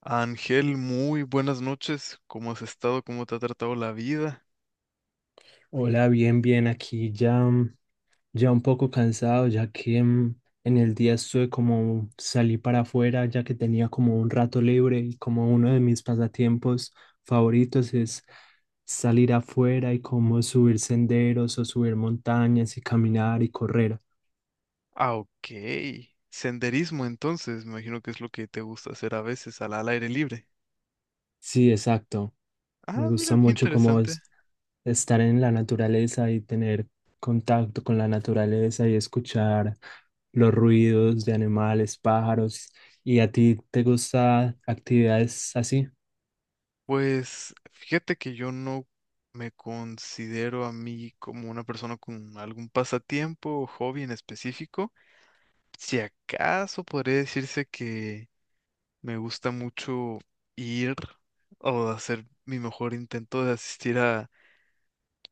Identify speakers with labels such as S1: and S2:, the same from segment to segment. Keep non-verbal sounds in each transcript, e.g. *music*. S1: Ángel, muy buenas noches. ¿Cómo has estado? ¿Cómo te ha tratado la vida?
S2: Hola, bien, bien, aquí ya, ya un poco cansado, ya que en el día estuve como salí para afuera, ya que tenía como un rato libre y como uno de mis pasatiempos favoritos es salir afuera y como subir senderos o subir montañas y caminar y correr.
S1: Ah, ok. Senderismo, entonces, me imagino que es lo que te gusta hacer a veces al aire libre.
S2: Sí, exacto. Me
S1: Ah,
S2: gusta
S1: mira, qué
S2: mucho como
S1: interesante.
S2: estar en la naturaleza y tener contacto con la naturaleza y escuchar los ruidos de animales, pájaros. ¿Y a ti te gusta actividades así?
S1: Pues fíjate que yo no me considero a mí como una persona con algún pasatiempo o hobby en específico. Si acaso podría decirse que me gusta mucho ir o hacer mi mejor intento de asistir a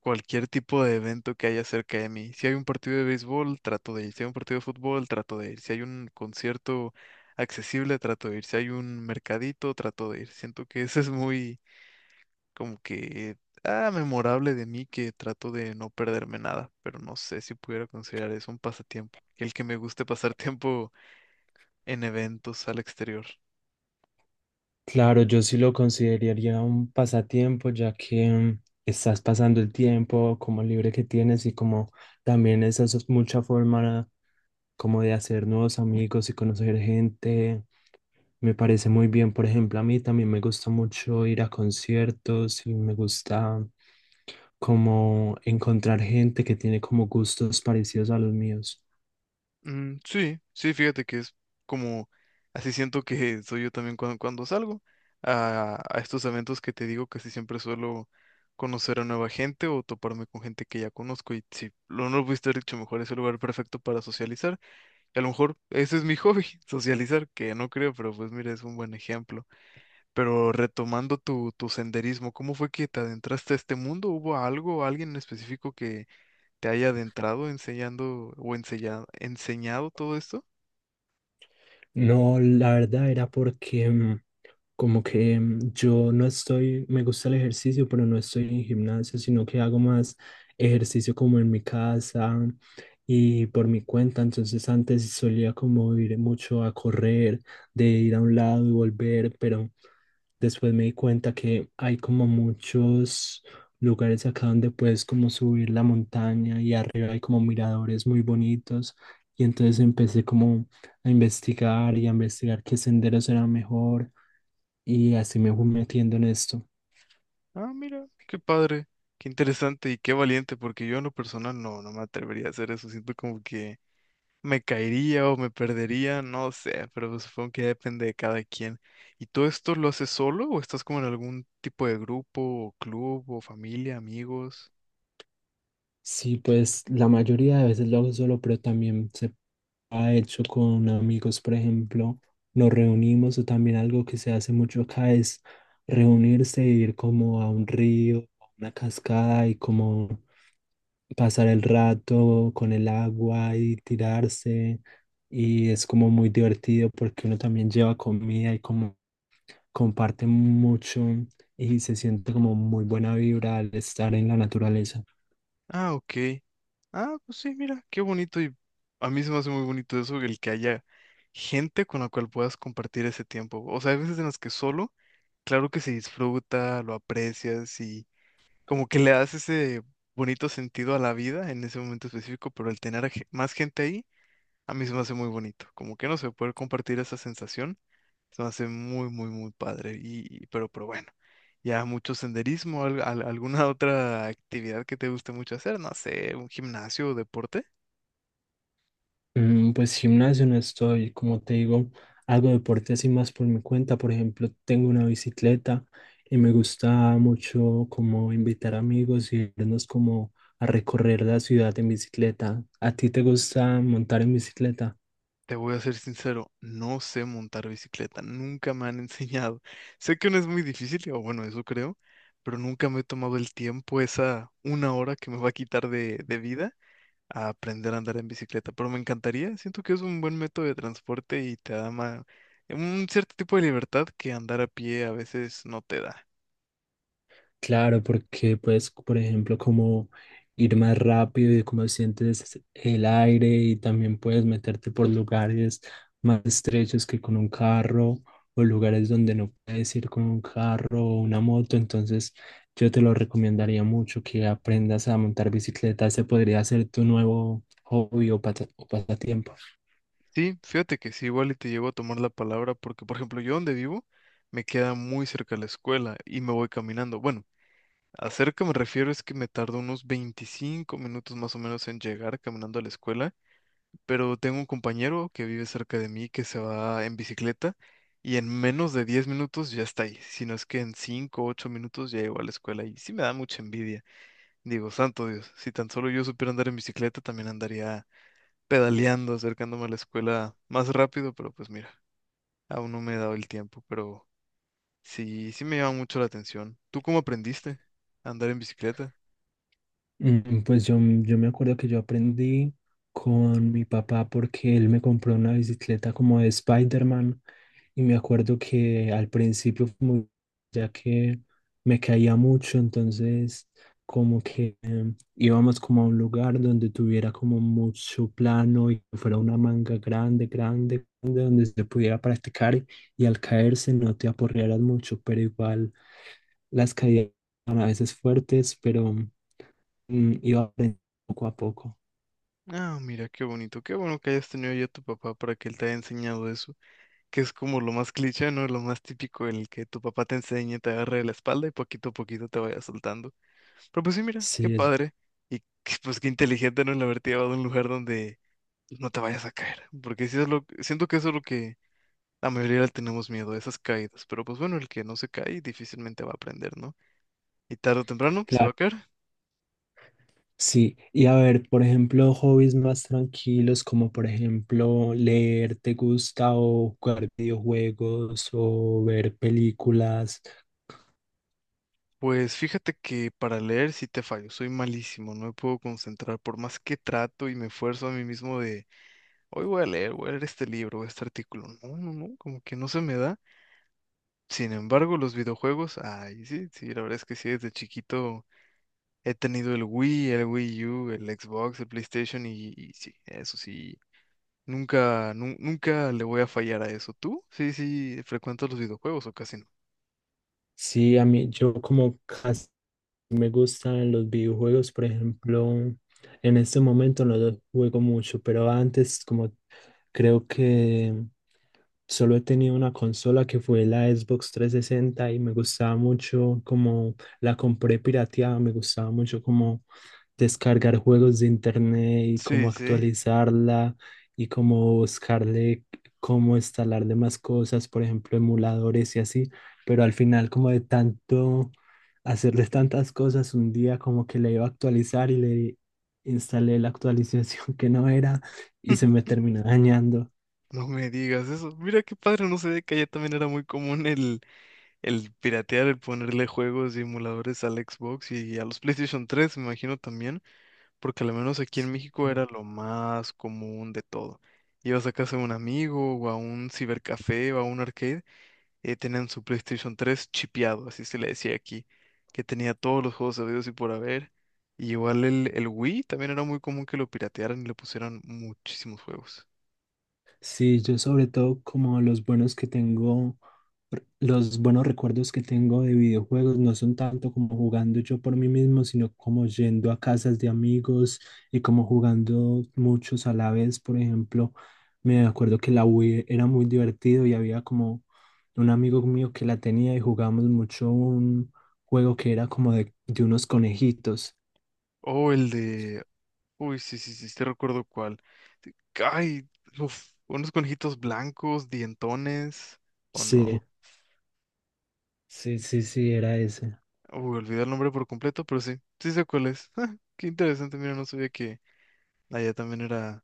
S1: cualquier tipo de evento que haya cerca de mí. Si hay un partido de béisbol, trato de ir. Si hay un partido de fútbol, trato de ir. Si hay un concierto accesible, trato de ir. Si hay un mercadito, trato de ir. Siento que eso es muy como que ah, memorable de mí que trato de no perderme nada, pero no sé si pudiera considerar eso un pasatiempo. El que me guste pasar *laughs* tiempo en eventos al exterior.
S2: Claro, yo sí lo consideraría un pasatiempo, ya que estás pasando el tiempo como libre que tienes y como también esa es mucha forma como de hacer nuevos amigos y conocer gente. Me parece muy bien, por ejemplo, a mí también me gusta mucho ir a conciertos y me gusta como encontrar gente que tiene como gustos parecidos a los míos.
S1: Mm, sí, sí, fíjate que es como, así siento que *laughs* soy yo también cuando salgo a estos eventos que te digo, casi siempre suelo conocer a nueva gente o toparme con gente que ya conozco y si lo no lo pudiste haber dicho mejor, es el lugar perfecto para socializar. Y a lo mejor ese es mi hobby, *laughs* socializar, que no creo, pero pues mira, es un buen ejemplo. Pero retomando tu senderismo, ¿cómo fue que te adentraste a este mundo? ¿Hubo algo, alguien en específico que te haya adentrado enseñando o enseñado todo esto?
S2: No, la verdad era porque como que yo no estoy, me gusta el ejercicio, pero no estoy en gimnasio, sino que hago más ejercicio como en mi casa y por mi cuenta. Entonces antes solía como ir mucho a correr, de ir a un lado y volver, pero... Después me di cuenta que hay como muchos lugares acá donde puedes como subir la montaña y arriba hay como miradores muy bonitos. Y entonces empecé como a investigar y a investigar qué senderos eran mejor y así me fui metiendo en esto.
S1: Ah, mira, qué padre, qué interesante y qué valiente, porque yo en lo personal no, no me atrevería a hacer eso. Siento como que me caería o me perdería, no sé, pero pues supongo que ya depende de cada quien. ¿Y todo esto lo haces solo o estás como en algún tipo de grupo o club o familia, amigos?
S2: Sí, pues la mayoría de veces lo hago solo, pero también se ha hecho con amigos, por ejemplo, nos reunimos o también algo que se hace mucho acá es reunirse e ir como a un río, a una cascada y como pasar el rato con el agua y tirarse y es como muy divertido porque uno también lleva comida y como comparte mucho y se siente como muy buena vibra al estar en la naturaleza.
S1: Ah, ok. Ah, pues sí, mira, qué bonito y a mí se me hace muy bonito eso, el que haya gente con la cual puedas compartir ese tiempo. O sea, hay veces en las que solo, claro que se disfruta, lo aprecias y como que le das ese bonito sentido a la vida en ese momento específico, pero el tener a más gente ahí, a mí se me hace muy bonito. Como que no sé, poder compartir esa sensación, se me hace muy, muy, muy padre. Y- pero bueno, ya mucho senderismo, alguna *laughs* otra actividad que te guste mucho hacer, no sé, un gimnasio o deporte.
S2: Pues gimnasio no estoy, como te digo, hago deporte así más por mi cuenta. Por ejemplo, tengo una bicicleta y me gusta mucho como invitar amigos y irnos como a recorrer la ciudad en bicicleta. ¿A ti te gusta montar en bicicleta?
S1: Te voy a ser sincero, no sé montar bicicleta, nunca me han *laughs* enseñado. Sé que no es muy difícil, o bueno, eso creo pero nunca me he tomado el tiempo, esa una hora que me va a quitar de vida a aprender a andar en bicicleta, pero me encantaría, siento que es un buen método de transporte y te da un cierto tipo de libertad que andar a pie a veces no te da.
S2: Claro, porque puedes, por ejemplo, como ir más rápido y como sientes el aire y también puedes meterte por lugares más estrechos que con un carro o lugares donde no puedes ir con un carro o una moto. Entonces, yo te lo recomendaría mucho que aprendas a montar bicicleta. Ese podría ser tu nuevo hobby o o pasatiempo.
S1: Sí, fíjate que sí, igual y te llevo a tomar la palabra porque, por ejemplo, yo donde vivo me queda muy cerca la escuela y me voy caminando. Bueno, a cerca me refiero es que me tardo unos 25 minutos más o menos en llegar caminando a la escuela pero tengo un compañero que vive cerca de mí que se va en bicicleta y en menos de 10 minutos ya está ahí, si no es que en 5 o 8 minutos ya llegó a la escuela y sí me da mucha envidia. Digo, santo Dios, si tan solo yo supiera andar en bicicleta también andaría pedaleando, acercándome a la escuela más rápido, pero pues mira, aún no me he dado el tiempo, pero sí, sí me llama mucho la atención. ¿Tú cómo aprendiste a andar en bicicleta?
S2: Pues yo me acuerdo que yo aprendí con mi papá porque él me compró una bicicleta como de Spider-Man y me acuerdo que al principio fue ya que me caía mucho, entonces como que íbamos como a un lugar donde tuviera como mucho plano y que fuera una manga grande, grande, grande, donde se pudiera practicar y al caerse no te aporrearas mucho, pero igual las caídas eran a veces fuertes, pero... Y va aprendiendo poco a poco.
S1: Ah, mira, qué bonito, qué bueno que hayas tenido ya a tu papá para que él te haya enseñado eso. Que es como lo más cliché, ¿no? Lo más típico en el que tu papá te enseña, te agarre de la espalda y poquito a poquito te vaya soltando. Pero pues sí, mira, qué
S2: Sí, es
S1: padre. Y que, pues qué inteligente, ¿no? El haberte llevado a un lugar donde no te vayas a caer. Porque sí es lo, siento que eso es lo que la mayoría le tenemos miedo, a esas caídas. Pero pues bueno, el que no se cae difícilmente va a aprender, ¿no? Y tarde o temprano se va a
S2: claro.
S1: caer.
S2: Sí, y a ver, por ejemplo, hobbies más tranquilos, como por ejemplo leer, ¿te gusta? O jugar videojuegos o ver películas.
S1: Pues fíjate que para leer sí te fallo, soy malísimo, no me puedo concentrar, por más que trato y me esfuerzo a mí mismo. Hoy voy a leer este libro, este artículo. No, no, no, como que no se me da. Sin embargo, los videojuegos, ay, sí, sí, la verdad es que sí, desde chiquito he tenido el Wii U, el Xbox, el PlayStation y sí, eso sí, nunca, nunca le voy a fallar a eso. ¿Tú? Sí, sí, frecuentas los videojuegos o casi no.
S2: Sí, a mí, yo como casi me gustan los videojuegos, por ejemplo, en este momento no los juego mucho, pero antes como creo que solo he tenido una consola que fue la Xbox 360 y me gustaba mucho como la compré pirateada, me gustaba mucho como descargar juegos de internet y cómo
S1: Sí, sí.
S2: actualizarla y cómo buscarle cómo instalarle más cosas, por ejemplo, emuladores y así, pero al final como de tanto hacerle tantas cosas un día como que le iba a actualizar y le instalé la actualización *laughs* que no era y se me
S1: *laughs*
S2: terminó dañando.
S1: No me digas eso. Mira qué padre, no sé, que allá también era muy común el piratear, el ponerle juegos y emuladores al Xbox y a los PlayStation 3 me imagino también. Porque al menos aquí en
S2: Sí.
S1: México era lo más común de todo. Ibas a casa de un amigo o a un cibercafé o a un arcade, y tenían su PlayStation 3 chipeado, así se le decía aquí, que tenía todos los juegos habidos y por haber. Y igual el Wii también era muy común que lo piratearan y le pusieran muchísimos juegos.
S2: Sí, yo sobre todo como los buenos que tengo, los buenos recuerdos que tengo de videojuegos no son tanto como jugando yo por mí mismo, sino como yendo a casas de amigos y como jugando muchos a la vez. Por ejemplo, me acuerdo que la Wii era muy divertido y había como un amigo mío que la tenía y jugábamos mucho un juego que era como de unos conejitos.
S1: O el de... Uy, sí, sí, sí, te recuerdo cuál. Ay, uf, unos conejitos blancos, dientones, o
S2: Sí,
S1: no.
S2: sí, sí, sí, era ese.
S1: Uy, olvidé el nombre por completo, pero sí, sí sé cuál es. *laughs* Ah, qué interesante, mira, no sabía que allá también era,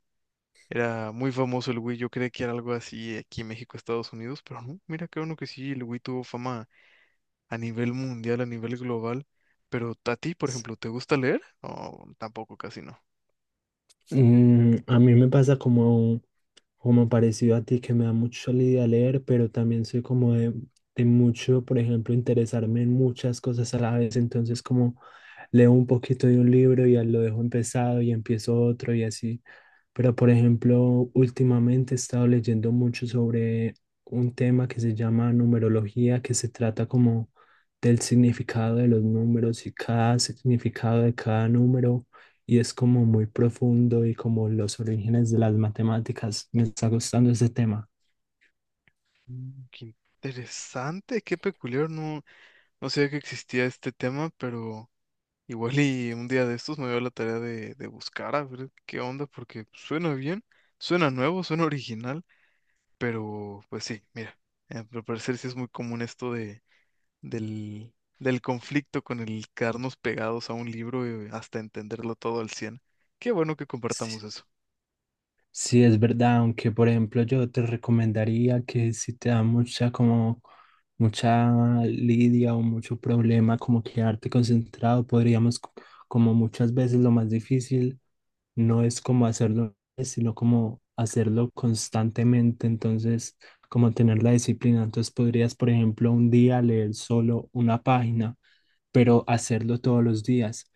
S1: era muy famoso el Wii. Yo creía que era algo así aquí en México, Estados Unidos, pero no, mira, qué bueno que sí, el Wii tuvo fama a nivel mundial, a nivel global. Pero a ti, por
S2: S-
S1: ejemplo, ¿te gusta leer? O tampoco, casi no.
S2: a mí me pasa como parecido a ti, que me da mucho la idea leer, pero también soy como de mucho, por ejemplo, interesarme en muchas cosas a la vez. Entonces, como leo un poquito de un libro y ya lo dejo empezado y empiezo otro y así. Pero, por ejemplo, últimamente he estado leyendo mucho sobre un tema que se llama numerología, que se trata como del significado de los números y cada significado de cada número, y es como muy profundo y como los orígenes de las matemáticas. Me está gustando ese tema.
S1: Qué interesante, qué peculiar, no, no sabía que existía este tema, pero... Igual y un día de estos me dio la tarea de buscar a ver qué onda, porque suena bien, suena nuevo, suena original, pero pues sí, mira, al parecer sí es muy común esto de, del, del conflicto con el quedarnos pegados a un libro hasta entenderlo todo al cien. Qué bueno que
S2: Sí,
S1: compartamos eso.
S2: sí, es verdad, aunque por ejemplo yo te recomendaría que si te da mucha como mucha lidia o mucho problema como quedarte concentrado, como muchas veces lo más difícil no es como hacerlo, sino como hacerlo constantemente, entonces como tener la disciplina, entonces podrías por ejemplo un día leer solo una página, pero hacerlo todos los días.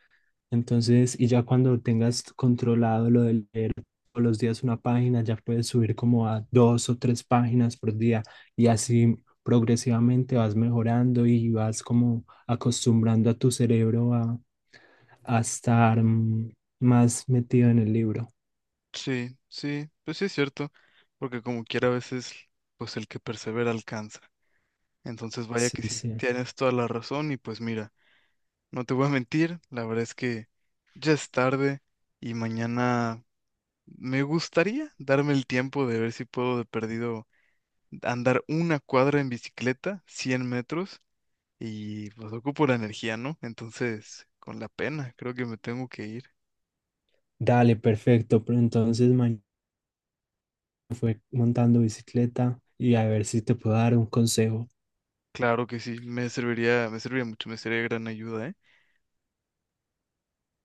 S2: Entonces, y ya cuando tengas controlado lo de leer todos los días una página, ya puedes subir como a dos o tres páginas por día y así progresivamente vas mejorando y vas como acostumbrando a tu cerebro a estar más metido en el libro.
S1: Sí, sí, pues sí es cierto, porque como quiera a veces, pues el que persevera alcanza. Entonces vaya que
S2: Sí,
S1: sí,
S2: sí.
S1: tienes toda la razón y pues mira. No te voy a mentir, la verdad es que ya es tarde y mañana me gustaría darme el tiempo de ver si puedo de perdido andar una cuadra en bicicleta, 100 metros, y pues ocupo la energía, ¿no? Entonces, con la pena, creo que me tengo que ir.
S2: Dale, perfecto. Pero entonces mañana fue montando bicicleta y a ver si te puedo dar un consejo.
S1: Claro que sí, me serviría mucho, me sería de gran ayuda, ¿eh?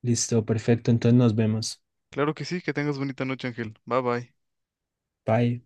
S2: Listo, perfecto. Entonces nos vemos.
S1: Claro que sí, que tengas bonita noche, Ángel. Bye bye.
S2: Bye.